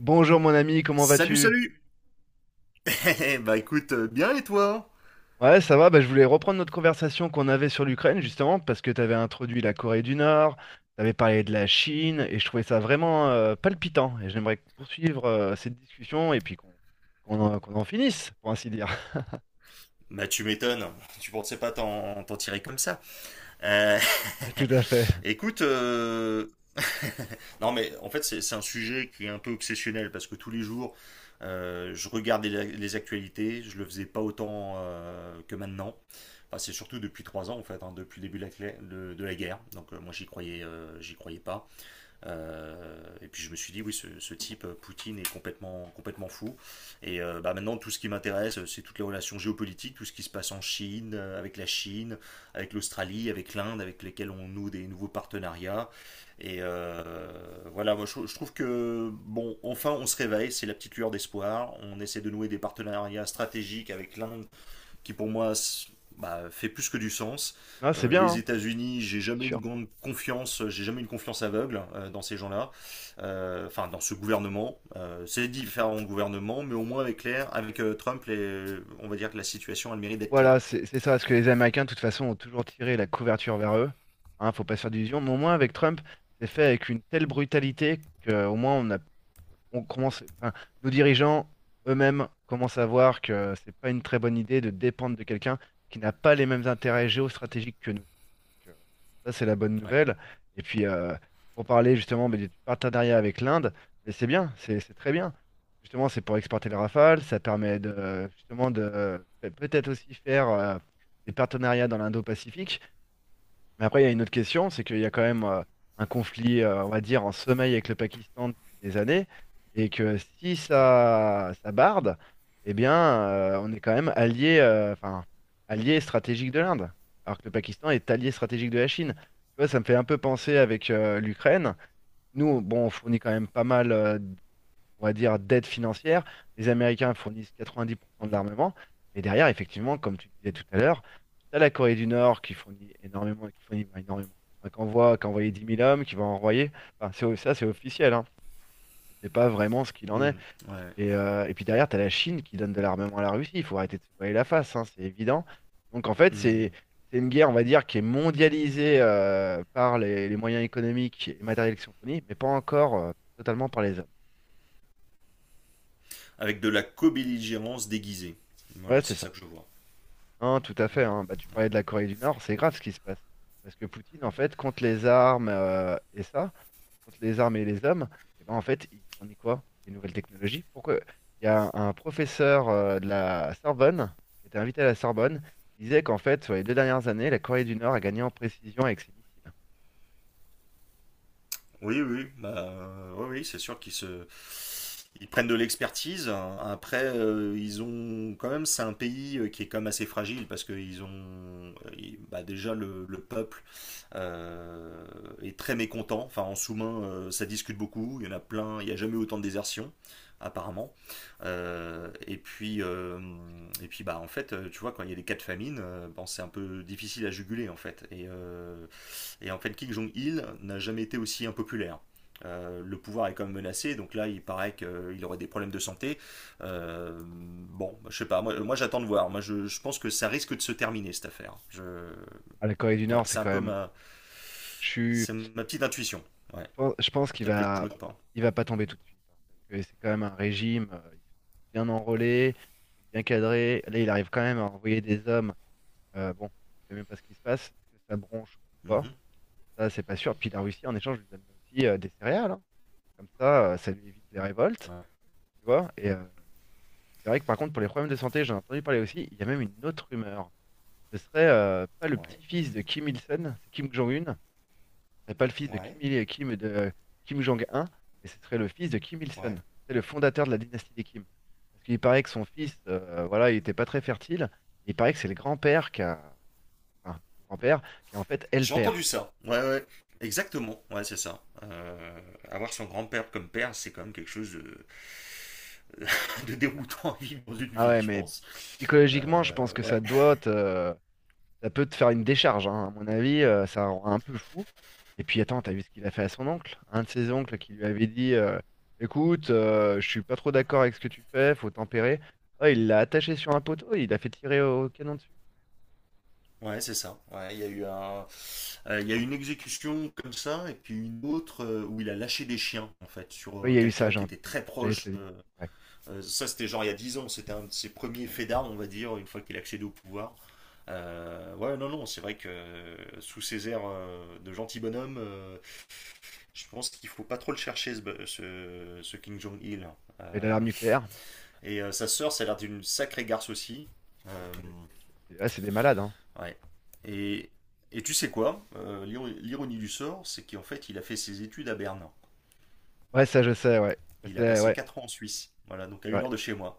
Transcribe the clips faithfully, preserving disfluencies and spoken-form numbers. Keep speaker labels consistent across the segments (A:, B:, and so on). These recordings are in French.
A: Bonjour mon ami, comment
B: Salut,
A: vas-tu?
B: salut. Bah écoute, euh, bien et toi?
A: Ouais, ça va, bah, je voulais reprendre notre conversation qu'on avait sur l'Ukraine, justement, parce que tu avais introduit la Corée du Nord, tu avais parlé de la Chine, et je trouvais ça vraiment euh, palpitant. Et j'aimerais poursuivre euh, cette discussion et puis qu'on qu'on en, qu'on en finisse, pour ainsi dire.
B: Bah tu m'étonnes, tu pensais pas t'en t'en tirer comme ça. Euh,
A: Tout à fait.
B: Écoute, euh, non mais en fait c'est c'est un sujet qui est un peu obsessionnel parce que tous les jours euh, je regarde les, les actualités, je le faisais pas autant euh, que maintenant. Enfin, c'est surtout depuis trois ans en fait, hein, depuis le début de la, clé- de, de la guerre. Donc euh, moi j'y croyais, euh, j'y croyais pas. Euh, et puis je me suis dit, oui, ce, ce type, euh, Poutine, est complètement, complètement fou. Et euh, bah, maintenant, tout ce qui m'intéresse, euh, c'est toutes les relations géopolitiques, tout ce qui se passe en Chine, euh, avec la Chine, avec l'Australie, avec l'Inde, avec lesquels on noue des nouveaux partenariats. Et euh, voilà, moi je, je trouve que, bon, enfin on se réveille, c'est la petite lueur d'espoir. On essaie de nouer des partenariats stratégiques avec l'Inde qui pour moi bah, fait plus que du sens.
A: Non, c'est
B: Euh,
A: bien,
B: les
A: hein.
B: États-Unis, j'ai
A: C'est
B: jamais une
A: sûr.
B: grande confiance, j'ai jamais une confiance aveugle euh, dans ces gens-là. Euh, enfin dans ce gouvernement. Euh, c'est différents gouvernements, mais au moins avec clair, avec euh, Trump, les- on va dire que la situation a le mérite d'être claire.
A: Voilà, c'est c'est ça, parce que les Américains, de toute façon, ont toujours tiré la couverture vers eux. Hein, faut pas se faire d'illusions, mais au moins avec Trump, c'est fait avec une telle brutalité qu'au moins on a on commence, enfin, nos dirigeants eux-mêmes commencent à voir que c'est pas une très bonne idée de dépendre de quelqu'un qui n'a pas les mêmes intérêts géostratégiques que nous. Donc, euh, ça, c'est la bonne
B: Ouais,
A: nouvelle. Et puis, euh, pour parler justement mais du partenariat avec l'Inde, mais c'est bien, c'est c'est très bien. Justement, c'est pour exporter les Rafales, ça permet de, justement de peut-être aussi faire euh, des partenariats dans l'Indo-Pacifique. Mais après, il y a une autre question, c'est qu'il y a quand même euh, un conflit, euh, on va dire, en sommeil avec le Pakistan depuis des années, et que si
B: ouais.
A: ça, ça barde, eh bien, euh, on est quand même allié, euh, enfin, allié stratégique de l'Inde, alors que le Pakistan est allié stratégique de la Chine. Tu vois, ça me fait un peu penser avec euh, l'Ukraine. Nous, bon, on fournit quand même pas mal euh, on va dire, d'aide financière. Les Américains fournissent quatre-vingt-dix pour cent de
B: Mhm.
A: l'armement. Mais derrière, effectivement, comme tu disais tout à l'heure, tu as la Corée du Nord qui fournit énormément, qui fournit bah, énormément. Enfin, qui envoie, qui a envoyé dix mille hommes, qui va envoyer. Enfin, c'est- ça, c'est officiel. Hein. On ne sait pas vraiment ce qu'il en est.
B: Mhm. Ouais.
A: Et, euh, et puis derrière, tu as la Chine qui donne de l'armement à la Russie. Il faut arrêter de se voiler la face, hein, c'est évident. Donc en fait, c'est
B: Mhm.
A: c'est une guerre, on va dire, qui est mondialisée euh, par les, les moyens économiques et matériels qui sont fournis, mais pas encore euh, totalement par les hommes.
B: Avec de la co-belligérance déguisée.
A: Ouais,
B: Voilà,
A: c'est
B: c'est ça
A: ça.
B: que je vois.
A: Non, tout à fait,
B: Mhm.
A: hein. Bah, tu
B: Ouais.
A: parlais de la Corée du Nord, c'est grave ce qui se passe. Parce que Poutine, en fait, contre les armes euh, et ça, contre les armes et les hommes, et ben, en fait, il fournit quoi? Des nouvelles technologies. Pourquoi? Il y a un, un professeur euh, de la Sorbonne, qui était invité à la Sorbonne, qui disait qu'en fait, sur les deux dernières années, la Corée du Nord a gagné en précision avec ses missiles.
B: Oui, oui, bah, euh, oui, oui, c'est sûr qu'ils se... ils prennent de l'expertise. Après, euh, ils ont quand même, c'est un pays euh, qui est quand même assez fragile parce que ils ont, euh, ils- bah, déjà le, le peuple euh, est très mécontent. Enfin, en sous-main, euh, ça discute beaucoup. Il y en a plein. Il n'y a jamais eu autant de désertion, apparemment. Euh, et puis, euh, et puis, bah, en fait, euh, tu vois, quand il y a des cas de famine, euh, bon, c'est un peu difficile à juguler, en fait. Et euh, et en fait, Kim Jong-il n'a jamais été aussi impopulaire. Euh, le pouvoir est quand même menacé, donc là il paraît qu'il aurait des problèmes de santé. Euh, bon, bah, je sais pas, moi, moi j'attends de voir. Moi je, je, pense que ça risque de se terminer cette affaire. Je...
A: Ah, la Corée du
B: Voilà,
A: Nord,
B: c'est
A: c'est
B: un
A: quand
B: peu
A: même
B: ma, c'est ma petite intuition. Ouais,
A: pen- Je pense qu'il
B: peut-être que je
A: va,
B: me trompe.
A: il va pas tomber tout de suite, hein, parce que c'est quand même un régime. euh, Ils sont bien enrôlés, ils sont bien cadrés. Là, il arrive quand même à envoyer des hommes. Euh, bon, on sait même pas ce qui se passe. Est-ce que ça bronche ou
B: Mm
A: pas?
B: -hmm.
A: Ça, c'est pas sûr. Puis la Russie, en échange, lui donne aussi euh, des céréales, hein. Comme ça, euh, ça lui évite les révoltes.
B: Ouais,
A: Tu vois? Et euh, c'est vrai que par contre, pour les problèmes de santé, j'en ai entendu parler aussi. Il y a même une autre rumeur. Ce serait euh, pas le
B: ouais,
A: petit-fils de Kim Il-sung, c'est Kim Jong-un. N'est pas le fils de
B: ouais,
A: Kim, Il- Kim, de, Kim Jong-un, mais ce serait le fils de Kim
B: ouais.
A: Il-sung. C'est le fondateur de la dynastie des Kim. Parce qu'il paraît que son fils, euh, voilà, il n'était pas très fertile. Il paraît que c'est le grand-père qui a, enfin, le grand-père qui est en fait est le
B: J'ai entendu
A: père.
B: ça. Ouais, ouais. Exactement, ouais, c'est ça. Euh, avoir son grand-père comme père, c'est quand même quelque chose de, de déroutant à vivre dans une
A: Ah
B: vie,
A: ouais,
B: je
A: mais
B: pense.
A: psychologiquement, je
B: Euh,
A: pense que ça
B: ouais,
A: doit te, ça peut te faire une décharge, hein. À mon avis, euh, ça rend un peu fou. Et puis attends, t'as vu ce qu'il a fait à son oncle? Un de ses oncles qui lui avait dit euh, écoute, euh, je suis pas trop d'accord avec ce que tu fais, faut tempérer. Oh, il l'a attaché sur un poteau, il l'a fait tirer au canon dessus.
B: ouais, c'est ça. Ouais, il y a eu un, euh, il y a eu une exécution comme ça, et puis une autre euh, où il a lâché des chiens, en fait, sur
A: Oui, il
B: euh,
A: y a eu ça,
B: quelqu'un qui
A: Jean-
B: était très
A: j'allais te
B: proche.
A: le dire.
B: Euh,
A: Ouais.
B: euh, ça, c'était genre il y a dix ans, c'était un de ses premiers faits d'armes, on va dire, une fois qu'il a accédé au pouvoir. Euh, ouais, non, non, c'est vrai que euh, sous ses airs euh, de gentil bonhomme, euh, je pense qu'il faut pas trop le chercher, ce, ce, ce King Jong-il, hein.
A: Et
B: Euh,
A: l'alarme nucléaire?
B: Et euh, sa sœur, ça a l'air d'une sacrée garce aussi. Euh,
A: Ah, mais c'est ah, c'est des malades, hein.
B: ouais. Et, et tu sais quoi? Euh, l'iro- l'ironie du sort, c'est qu'en fait, il a fait ses études à Berne.
A: Ouais, ça je sais, ouais. Ah,
B: Il
A: c'est
B: a
A: la-
B: passé
A: ouais,
B: quatre ans en Suisse. Voilà, donc à
A: c'est
B: une
A: vrai.
B: heure de chez moi.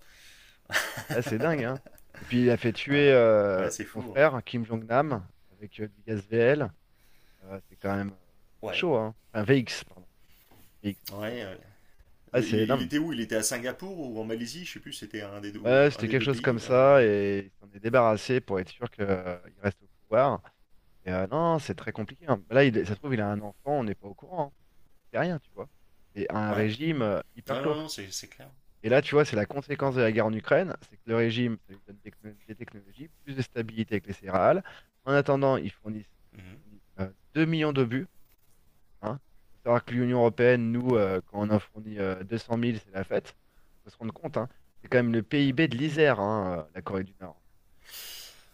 A: Ah, c'est dingue, hein. Et puis il a fait tuer
B: Voilà. Ouais,
A: euh,
B: c'est
A: son
B: fou, hein.
A: frère, Kim Jong-nam, avec euh, du gaz V L. Euh, c'est quand même euh, c'est
B: Ouais.
A: chaud, hein. Un V X, pardon. V X, c'est pas du-
B: Ouais. euh,
A: Ah,
B: Il,
A: c'est
B: il
A: énorme.
B: était où? Il était à Singapour ou en Malaisie? Je sais plus, c'était un des deux, ou
A: Ouais,
B: un
A: c'était
B: des
A: quelque
B: deux
A: chose comme
B: pays.
A: ça,
B: euh.
A: et il s'en est débarrassé pour être sûr qu'il reste au pouvoir. Et euh, non, c'est très compliqué, hein. Là, il, ça se trouve, il a un enfant, on n'est pas au courant, hein. C'est rien, tu vois. C'est un
B: Ouais.
A: régime euh, hyper
B: Non,
A: clos.
B: non, non, c'est c'est clair.
A: Et là, tu vois, c'est la conséquence
B: Ouais.
A: de la guerre en Ukraine, c'est que le régime, ça lui donne des, techno- des technologies, plus de stabilité avec les céréales. En attendant, ils fournissent, ils ont
B: Mhm.
A: fourni euh, deux millions d'obus. Hein. Faut savoir que l'Union européenne, nous,
B: Ouais.
A: euh, quand on en fournit euh, deux cent mille, c'est la fête. Faut se rendre compte, hein. C'est quand même le
B: Ouais.
A: P I B de l'Isère, hein, euh, la Corée du Nord.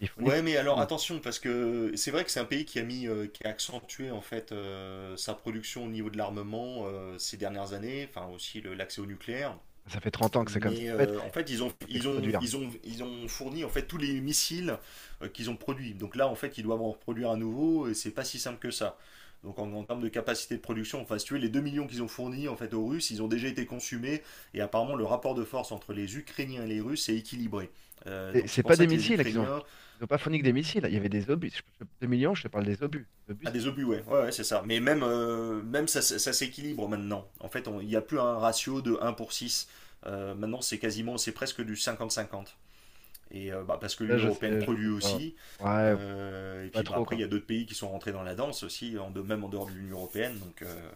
A: Ils fournissent
B: Ouais,
A: plus
B: mais
A: que
B: alors
A: nous.
B: attention, parce que c'est vrai que c'est un pays qui a mis, euh, qui a accentué en fait euh, sa production au niveau de l'armement euh, ces dernières années, enfin aussi le- l'accès au nucléaire.
A: Ça fait trente ans que c'est comme ça.
B: Mais
A: En fait,
B: euh, en fait, ils ont,
A: on fait que
B: ils ont,
A: produire.
B: ils ont, ils ont fourni en fait tous les missiles euh, qu'ils ont produits. Donc là, en fait, ils doivent en reproduire à nouveau et c'est pas si simple que ça. Donc en, en termes de capacité de production, enfin si tu veux, les deux millions qu'ils ont fournis en fait aux Russes, ils ont déjà été consumés, et apparemment le rapport de force entre les Ukrainiens et les Russes est équilibré. Euh,
A: C'est
B: donc c'est
A: c'est
B: pour
A: pas des
B: ça que les
A: missiles qu'ils ont.
B: Ukrainiens.
A: Ils n'ont pas fourni que des missiles. Il y avait des obus. Je- je- deux millions, je te parle des obus. Les obus,
B: Ah,
A: ça
B: des
A: se
B: obus,
A: reproduit
B: ouais,
A: vite.
B: ouais, ouais, c'est ça. Mais même, euh, même ça, ça- ça s'équilibre maintenant. En fait, on- il n'y a plus un ratio de un pour six. Euh, maintenant, c'est quasiment, c'est presque du cinquante à cinquante. Et euh, bah, parce que
A: Ça,
B: l'Union
A: je
B: européenne
A: sais, je
B: produit
A: sais pas.
B: aussi.
A: Ouais, pff,
B: Euh, et
A: pas
B: puis bah,
A: trop
B: après,
A: quand
B: il y a
A: même.
B: d'autres pays qui sont rentrés dans la danse aussi, en de, même en dehors de l'Union européenne. Donc, euh,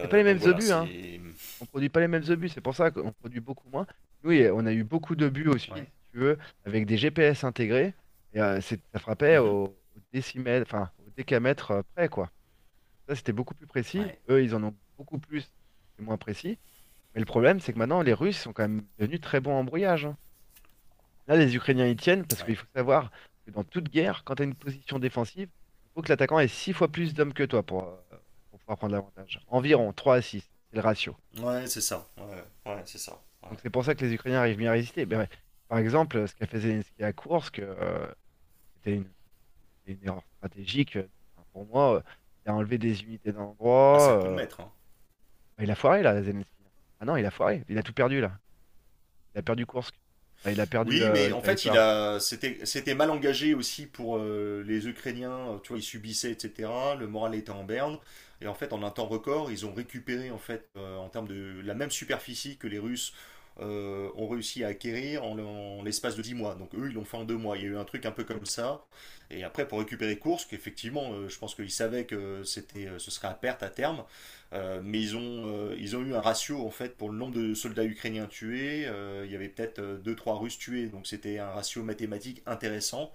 A: C'est pas les
B: Donc
A: mêmes
B: voilà,
A: obus, hein.
B: c'est.
A: On produit pas les mêmes obus, c'est pour ça qu'on produit beaucoup moins. Nous, il y a- on a eu beaucoup d'obus aussi,
B: Ouais.
A: si tu veux, avec des G P S intégrés. Et euh, c'est- ça frappait
B: Mhm.
A: au, au décimètre, enfin au décamètre euh, près, quoi. Ça, c'était beaucoup plus précis.
B: Ouais,
A: Eux, ils en ont beaucoup plus, c'est moins précis. Mais le problème, c'est que maintenant, les Russes sont quand même devenus très bons en brouillage, hein. Là, les Ukrainiens y tiennent parce
B: ouais.
A: qu'il faut savoir que dans toute guerre, quand tu as une position défensive, il faut que l'attaquant ait six fois plus d'hommes que toi pour, euh, pour pouvoir prendre l'avantage. Environ trois à six, c'est le ratio.
B: Ouais, c'est ça. Ouais, ouais, c'est ça. Ouais.
A: Donc c'est pour ça que les Ukrainiens arrivent bien à résister. Ben, ouais, par exemple, ce qu'a fait Zelensky à Koursk, euh, c'était une, c'était une erreur stratégique. euh, Enfin, pour moi, euh, il a enlevé des unités d'un
B: Ah, c'est un
A: endroit.
B: coup de
A: Euh,
B: maître, hein.
A: ben, il a foiré là, Zelensky. Ah non, il a foiré. Il a tout perdu là. Il a perdu Koursk. Enfin, il a perdu
B: Oui,
A: euh,
B: mais
A: le
B: en fait, il
A: territoire.
B: a, c'était, c'était mal engagé aussi pour euh, les Ukrainiens. Euh, Tu vois, ils subissaient, et cetera. Le moral était en berne. Et en fait, en un temps record, ils ont récupéré en fait, euh, en termes de la même superficie que les Russes euh, ont réussi à acquérir en, en l'espace de dix mois. Donc eux, ils l'ont fait en deux mois. Il y a eu un truc un peu comme ça. Et après, pour récupérer Kursk, effectivement, euh, je pense qu'ils savaient que c'était, euh, ce serait à perte à terme. Euh, mais ils ont, euh, ils ont eu un ratio en fait pour le nombre de soldats ukrainiens tués. Euh, il y avait peut-être euh, deux trois Russes tués, donc c'était un ratio mathématique intéressant.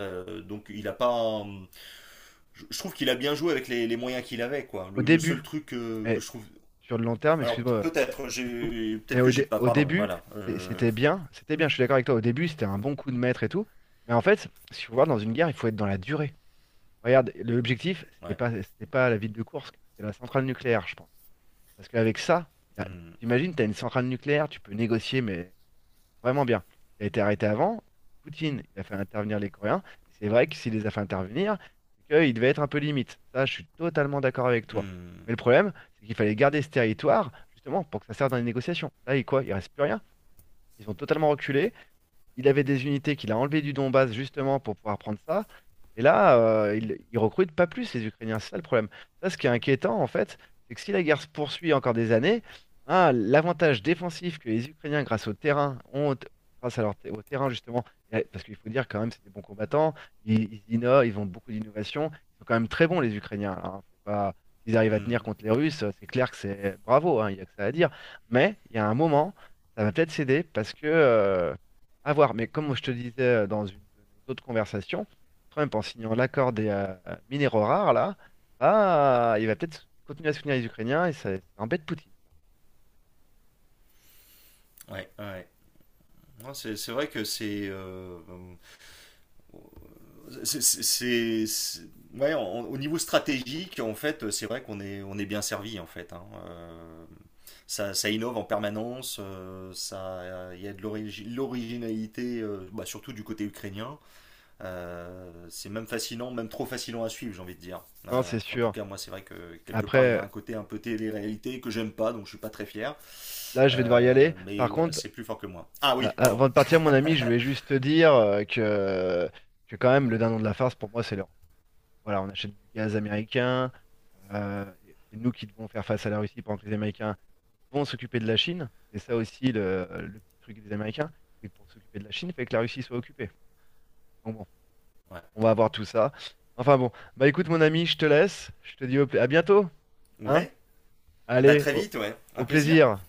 B: Euh, donc il a pas. Je, je trouve qu'il a bien joué avec les, les moyens qu'il avait. Quoi.
A: Au
B: Le, le seul
A: début,
B: truc que que
A: mais
B: je trouve.
A: sur le long terme,
B: Alors
A: excuse-moi, euh, je,
B: peut-être,
A: je te coupe.
B: j'ai...
A: Mais
B: peut-être que
A: au,
B: j'ai
A: dé-
B: pas.
A: au
B: Pardon,
A: début,
B: voilà.
A: c'est-
B: Euh,
A: c'était bien. C'était bien, je suis d'accord avec toi. Au début, c'était un bon coup de maître et tout. Mais en fait, si vous voulez, dans une guerre, il faut être dans la durée. Regarde, l'objectif, c'était
B: ouais.
A: pas, c'était pas la ville de Kursk, c'était la centrale nucléaire, je pense. Parce qu'avec ça, là,
B: Mm,
A: t'imagines, t'as une centrale nucléaire, tu peux négocier, mais vraiment bien. Il a été arrêté avant, Poutine, il a fait intervenir les Coréens. Et c'est vrai que s'il les a fait intervenir, c'est qu'il devait être un peu limite. Ça, je suis totalement d'accord avec toi.
B: mm,
A: Mais le problème, c'est qu'il fallait garder ce territoire, justement, pour que ça serve dans les négociations. Là, il quoi? Il reste plus rien. Ils ont totalement reculé, il avait des unités qu'il a enlevées du Donbass justement pour pouvoir prendre ça. Et là, euh, il, il recrute pas plus les Ukrainiens. C'est ça le problème. Ça, ce qui est inquiétant en fait, c'est que si la guerre se poursuit encore des années, hein, l'avantage défensif que les Ukrainiens, grâce au terrain, ont, grâce à leur te- au terrain justement, et- parce qu'il faut dire quand même, c'est des bons combattants. Ils, ils innovent, ils ont beaucoup d'innovation. Ils sont quand même très bons les Ukrainiens, hein. Faut pas, s'ils arrivent à tenir
B: mm,
A: contre les Russes, c'est clair que c'est bravo, hein. Il n'y a que ça à dire. Mais il y a un moment, ça va peut-être céder parce que euh, à voir, mais comme je te disais euh, dans une de nos autres conversations, Trump, en signant l'accord des euh, minéraux rares, là, ah, il va peut-être continuer à soutenir les Ukrainiens et ça, ça embête Poutine.
B: ouais. Ouais, ouais. C'est, c'est vrai que c'est. euh, C'est, c'est- c'est- ouais, on- au niveau stratégique, en fait, c'est vrai qu'on est, on est bien servi, en fait, hein. Euh, ça, ça innove en permanence, euh, ça, il y a de l'origi- l'originalité, euh, bah, surtout du côté ukrainien. Euh, c'est même fascinant, même trop fascinant à suivre, j'ai envie de dire.
A: Non,
B: Euh,
A: c'est
B: enfin, en tout
A: sûr.
B: cas, moi, c'est vrai que quelque part, il y
A: Après,
B: a un côté un peu télé-réalité que j'aime pas, donc je suis pas très fier.
A: là, je vais devoir y aller.
B: Euh, mais
A: Par
B: voilà,
A: contre,
B: c'est plus fort que moi. Ah
A: a-
B: oui, pardon.
A: avant de partir, mon ami, je voulais juste te dire euh, que, que quand même, le dindon de la farce, pour moi, c'est l'Europe. Voilà, on achète du gaz américain. euh, c'est nous qui devons faire face à la Russie pendant que les Américains vont s'occuper de la Chine. C'est ça aussi le, le petit truc des Américains. C'est que pour s'occuper de la Chine, il fait que la Russie soit occupée. Donc bon,
B: Ouais.
A: on va avoir tout ça. Enfin bon, bah écoute mon ami, je te laisse. Je te dis au pla- à bientôt. Hein?
B: Ouais. Bah
A: Allez,
B: très
A: au
B: vite, ouais. Un
A: au
B: plaisir.
A: plaisir.